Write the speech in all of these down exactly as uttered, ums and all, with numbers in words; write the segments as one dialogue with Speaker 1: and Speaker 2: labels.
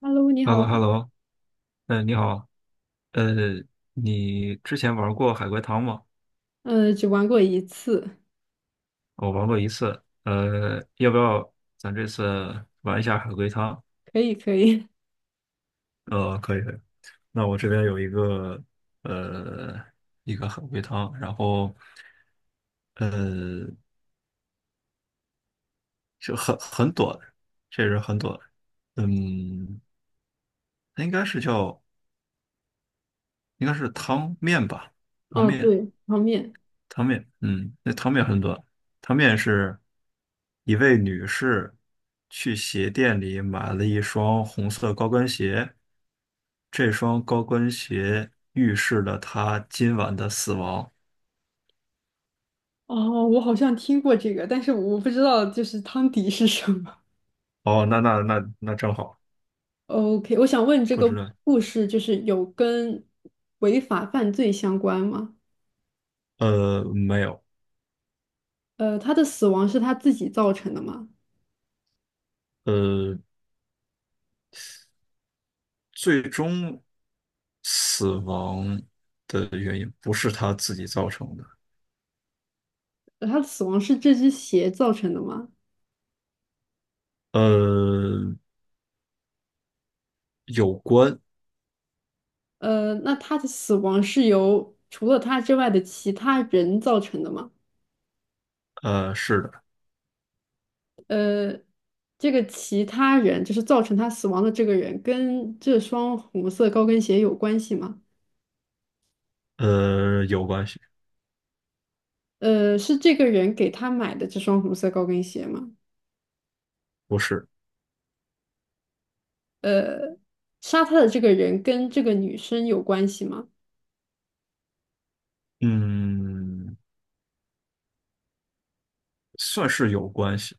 Speaker 1: Hello，你
Speaker 2: h e l l o
Speaker 1: 好。
Speaker 2: h e l l o 嗯，你好，呃，你之前玩过海龟汤吗？
Speaker 1: 呃，只玩过一次，
Speaker 2: 我玩过一次，呃，要不要咱这次玩一下海龟汤？
Speaker 1: 可以可以。
Speaker 2: 呃，可以可以。那我这边有一个呃一个海龟汤，然后呃就很很短，确实很短，嗯，它应该是叫应该是汤面吧，汤
Speaker 1: 哦，
Speaker 2: 面。
Speaker 1: 对，泡面。
Speaker 2: 汤面，嗯，那汤面很短。汤面是一位女士去鞋店里买了一双红色高跟鞋，这双高跟鞋预示了她今晚的死亡。
Speaker 1: 哦，我好像听过这个，但是我不知道就是汤底是什么。
Speaker 2: 哦，那那那那正好，
Speaker 1: OK，我想问这
Speaker 2: 不
Speaker 1: 个
Speaker 2: 知道。
Speaker 1: 故事就是有跟违法犯罪相关吗？
Speaker 2: 呃，没有，
Speaker 1: 呃，他的死亡是他自己造成的吗？
Speaker 2: 呃，最终死亡的原因不是她自己造成的。
Speaker 1: 呃他的死亡是这只鞋造成的吗？
Speaker 2: 呃
Speaker 1: 呃，那他的死亡是由除了他之外的其他人造成的吗？
Speaker 2: 呃，是的，
Speaker 1: 呃，这个其他人就是造成他死亡的这个人，跟这双红色高跟鞋有关系吗？
Speaker 2: 呃，有关系，
Speaker 1: 呃，是这个人给他买的这双红色高跟鞋吗？
Speaker 2: 不是。
Speaker 1: 呃，杀他的这个人跟这个女生有关系吗？
Speaker 2: 嗯，算是有关系，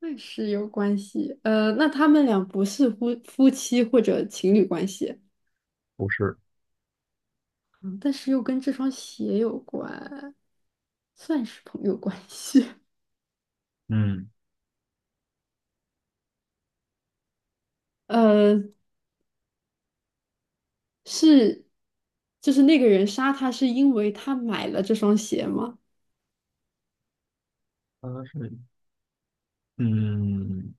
Speaker 1: 那是有关系。呃，那他们俩不是夫夫妻或者情侣关系，
Speaker 2: 不是，
Speaker 1: 嗯但是又跟这双鞋有关，算是朋友关系。
Speaker 2: 嗯，
Speaker 1: 呃，是，就是那个人杀他是因为他买了这双鞋吗？
Speaker 2: 它是，嗯，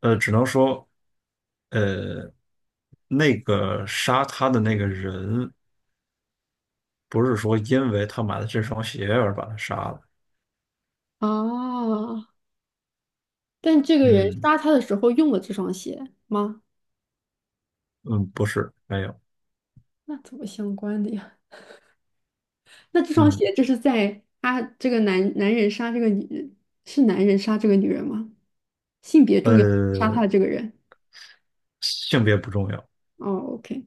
Speaker 2: 呃，只能说，呃，那个杀他的那个人，不是说因为他买了这双鞋而把他杀了，
Speaker 1: 啊，但这个人
Speaker 2: 嗯
Speaker 1: 杀他的时候用了这双鞋吗？
Speaker 2: 嗯，不是，没有，
Speaker 1: 那怎么相关的呀？那这双
Speaker 2: 嗯，
Speaker 1: 鞋就是在他这个男男人杀这个女人，是男人杀这个女人吗？性别重要，杀他
Speaker 2: 呃，
Speaker 1: 的这个人。
Speaker 2: 性别不重要，
Speaker 1: 哦，OK，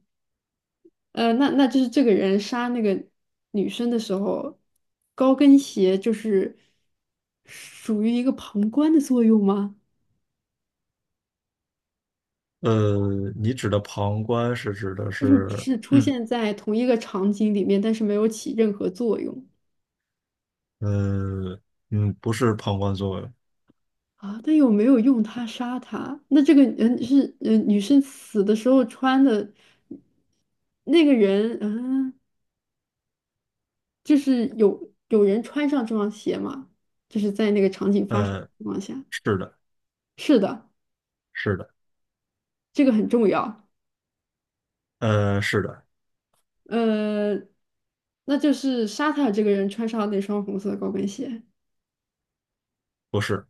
Speaker 1: 呃，那那就是这个人杀那个女生的时候，高跟鞋就是属于一个旁观的作用吗？
Speaker 2: 呃，你指的旁观是指的
Speaker 1: 就是只
Speaker 2: 是，
Speaker 1: 是出
Speaker 2: 嗯
Speaker 1: 现在同一个场景里面，但是没有起任何作用
Speaker 2: 呃嗯，不是旁观作用，
Speaker 1: 啊。但有没有用它杀它？那这个人是嗯呃女生死的时候穿的那个人嗯，呃就是有有人穿上这双鞋吗？就是在那个场景发生的
Speaker 2: 呃，
Speaker 1: 情况下，
Speaker 2: 是的，
Speaker 1: 是的，
Speaker 2: 是的，
Speaker 1: 这个很重要。
Speaker 2: 呃，是的，
Speaker 1: 呃，那就是杀他的这个人穿上那双红色高跟鞋。
Speaker 2: 不是。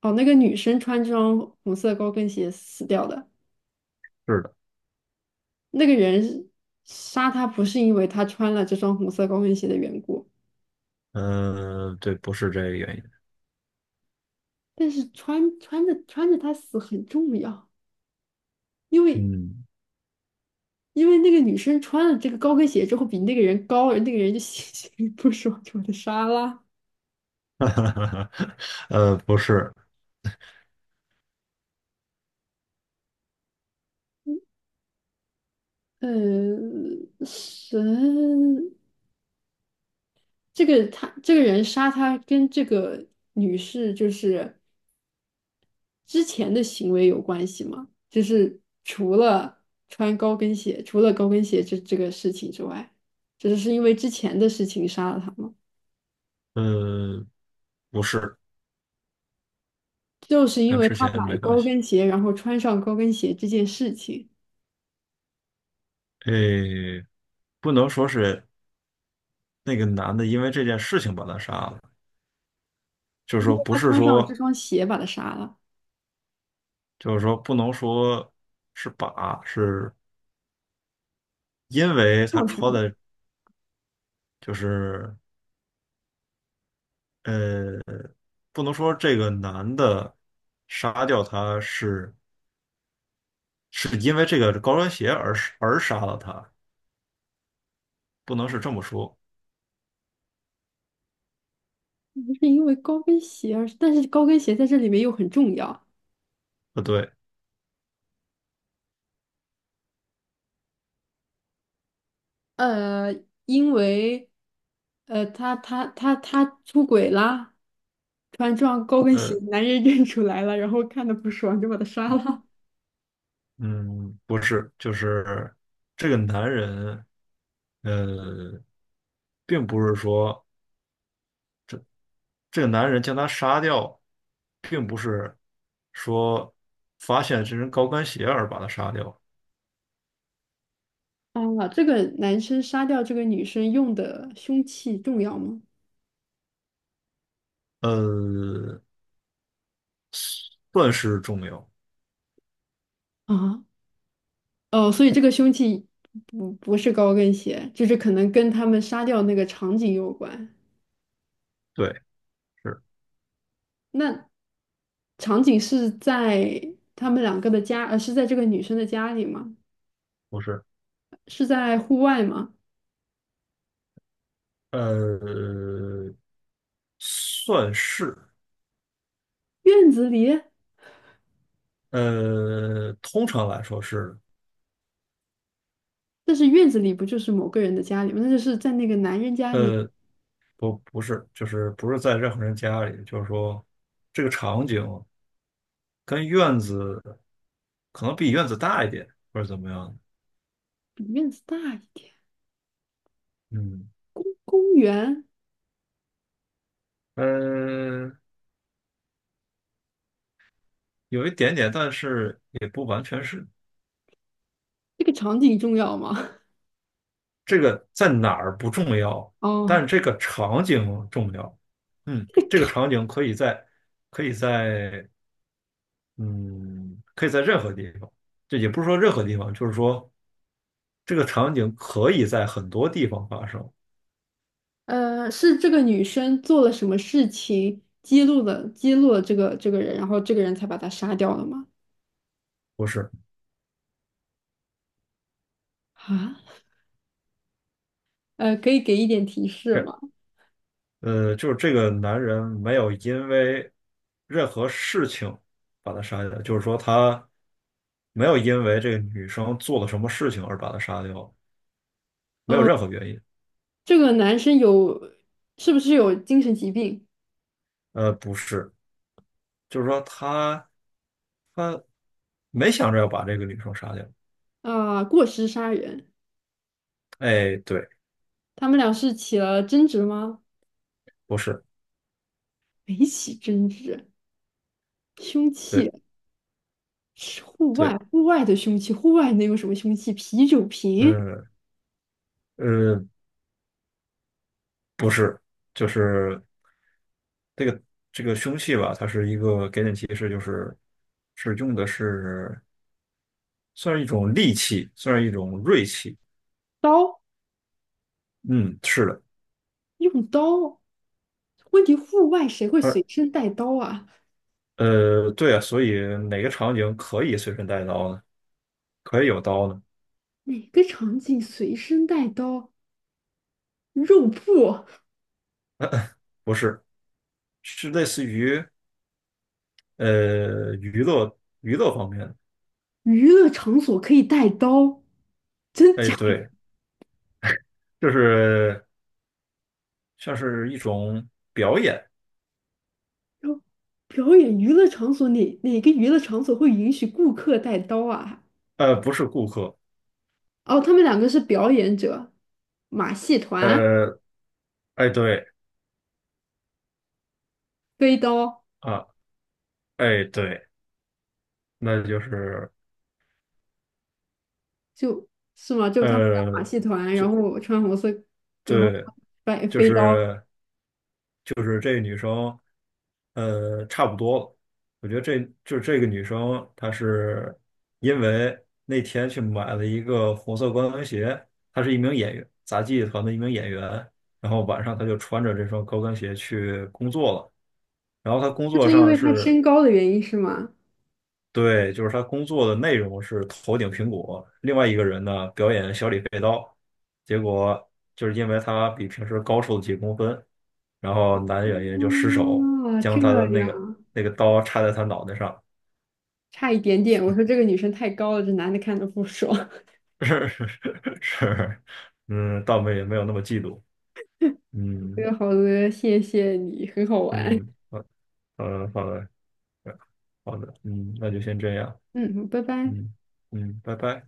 Speaker 1: 哦，那个女生穿这双红色高跟鞋死掉的。
Speaker 2: 是的。
Speaker 1: 那个人杀他不是因为他穿了这双红色高跟鞋的缘故，
Speaker 2: 嗯，对，不是这个原因。
Speaker 1: 但是穿穿着穿着他死很重要，因为
Speaker 2: 嗯，
Speaker 1: 因为那个女生穿了这个高跟鞋之后比那个人高，而那个人就 心情不爽，就把他杀了。
Speaker 2: 呃，不是，
Speaker 1: 嗯，神，这个他这个人杀他跟这个女士就是。之前的行为有关系吗？就是除了穿高跟鞋，除了高跟鞋这这个事情之外，只是是因为之前的事情杀了他吗？
Speaker 2: 呃，不是，
Speaker 1: 就是因
Speaker 2: 跟
Speaker 1: 为
Speaker 2: 之
Speaker 1: 他
Speaker 2: 前
Speaker 1: 买
Speaker 2: 没关
Speaker 1: 高
Speaker 2: 系。
Speaker 1: 跟鞋，然后穿上高跟鞋这件事情，
Speaker 2: 诶，不能说是那个男的因为这件事情把他杀了，就是
Speaker 1: 因为
Speaker 2: 说不
Speaker 1: 他
Speaker 2: 是
Speaker 1: 穿上了这
Speaker 2: 说，
Speaker 1: 双鞋把他杀了，
Speaker 2: 就是说不能说是把，是因为他
Speaker 1: 做杀
Speaker 2: 穿的，就是呃，不能说这个男的杀掉他是是因为这个高跟鞋而而杀了他，不能是这么说，
Speaker 1: 不是因为高跟鞋而，是但是高跟鞋在这里面又很重要。
Speaker 2: 不对。
Speaker 1: 呃，因为，呃，他他他他出轨啦。穿然撞高跟鞋，
Speaker 2: 呃，
Speaker 1: 男人认出来了，然后看的不爽就把他杀了。
Speaker 2: 嗯，不是，就是这个男人，呃，并不是说这个男人将他杀掉，并不是说发现这双高跟鞋而把他杀掉，
Speaker 1: 啊，这个男生杀掉这个女生用的凶器重要吗？
Speaker 2: 呃，算是重要，
Speaker 1: 啊，哦，所以这个凶器不不是高跟鞋，就是可能跟他们杀掉那个场景有关。
Speaker 2: 对，是
Speaker 1: 那场景是在他们两个的家，呃，是在这个女生的家里吗？
Speaker 2: 不是？
Speaker 1: 是在户外吗？
Speaker 2: 呃，算是，
Speaker 1: 院子里？
Speaker 2: 呃，通常来说是，
Speaker 1: 但是院子里不就是某个人的家里吗？那就是在那个男人家里，
Speaker 2: 呃，不，不是，就是不是在任何人家里，就是说这个场景。跟院子可能比院子大一点，或者怎么样？
Speaker 1: 比院子大一点。
Speaker 2: 嗯
Speaker 1: 公园。
Speaker 2: 嗯，呃有一点点，但是也不完全是。
Speaker 1: 这个场景重要吗？
Speaker 2: 这个在哪儿不重要，但是
Speaker 1: 哦，
Speaker 2: 这个场景重要。嗯，
Speaker 1: 这个
Speaker 2: 这个场
Speaker 1: 场，
Speaker 2: 景可以在，可以在，嗯，可以在任何地方。这也不是说任何地方，就是说这个场景可以在很多地方发生，
Speaker 1: 呃，是这个女生做了什么事情揭露了揭露了这个这个人，然后这个人才把他杀掉了吗？
Speaker 2: 不是？
Speaker 1: 啊，呃，可以给一点提示吗？
Speaker 2: 呃，就是这个男人没有因为任何事情把他杀掉，就是说他没有因为这个女生做了什么事情而把他杀掉，没有
Speaker 1: 嗯，
Speaker 2: 任何原因。
Speaker 1: 这个男生有是不是有精神疾病
Speaker 2: 呃，不是，就是说他他没想着要把这个女生杀掉。
Speaker 1: 啊，过失杀人，
Speaker 2: 哎，对，
Speaker 1: 他们俩是起了争执吗？
Speaker 2: 不是，
Speaker 1: 没起争执，凶器
Speaker 2: 对
Speaker 1: 是户外
Speaker 2: 对，
Speaker 1: 户外的凶器，户外能有什么凶器？啤酒瓶、
Speaker 2: 嗯呃，不是，就是这个这个凶器吧，它是一个给点提示，就是是用的是算是一种利器，算是一种锐器。
Speaker 1: 刀。
Speaker 2: 嗯，是的，
Speaker 1: 用刀？问题户外谁会
Speaker 2: 而
Speaker 1: 随身带刀啊？
Speaker 2: 呃，对啊，所以哪个场景可以随身带刀呢？可以有刀呢？
Speaker 1: 哪个场景随身带刀？肉铺、
Speaker 2: 不是，是类似于呃娱乐娱乐方面的。
Speaker 1: 娱乐场所可以带刀？真
Speaker 2: 哎，
Speaker 1: 假
Speaker 2: 对，就是像是一种表演，
Speaker 1: 的？表演娱乐场所哪哪个娱乐场所会允许顾客带刀啊？
Speaker 2: 呃，不是顾客，
Speaker 1: 哦，他们两个是表演者，马戏团
Speaker 2: 呃，哎，对
Speaker 1: 飞刀
Speaker 2: 啊，哎，对，那就是
Speaker 1: 就是吗？就是他们俩马
Speaker 2: 呃，
Speaker 1: 戏团，然
Speaker 2: 就
Speaker 1: 后穿红色，然后
Speaker 2: 对，
Speaker 1: 摆
Speaker 2: 就
Speaker 1: 飞刀，
Speaker 2: 是就是这个女生，呃，差不多了。我觉得这就是这个女生，她是因为那天去买了一个红色高跟鞋，她是一名演员，杂技团的一名演员。然后晚上她就穿着这双高跟鞋去工作了。然后她工
Speaker 1: 就
Speaker 2: 作
Speaker 1: 是因
Speaker 2: 上
Speaker 1: 为他
Speaker 2: 是，
Speaker 1: 身高的原因是吗？
Speaker 2: 对，就是她工作的内容是头顶苹果，另外一个人呢表演小李飞刀，结果就是因为她比平时高出了几公分。然后男演员就失手
Speaker 1: 哦，
Speaker 2: 将
Speaker 1: 这
Speaker 2: 他的那
Speaker 1: 样
Speaker 2: 个
Speaker 1: 啊，
Speaker 2: 那个刀插在他脑袋上，
Speaker 1: 差一点点。我说这个女生太高了，这男的看着不爽。
Speaker 2: 是是是嗯，倒没没有那么嫉妒，
Speaker 1: 这
Speaker 2: 嗯
Speaker 1: 个好的，谢谢你，很好玩。
Speaker 2: 嗯，好，好的好的好的，嗯，那就先这样，
Speaker 1: 嗯，拜拜。
Speaker 2: 嗯嗯，拜拜。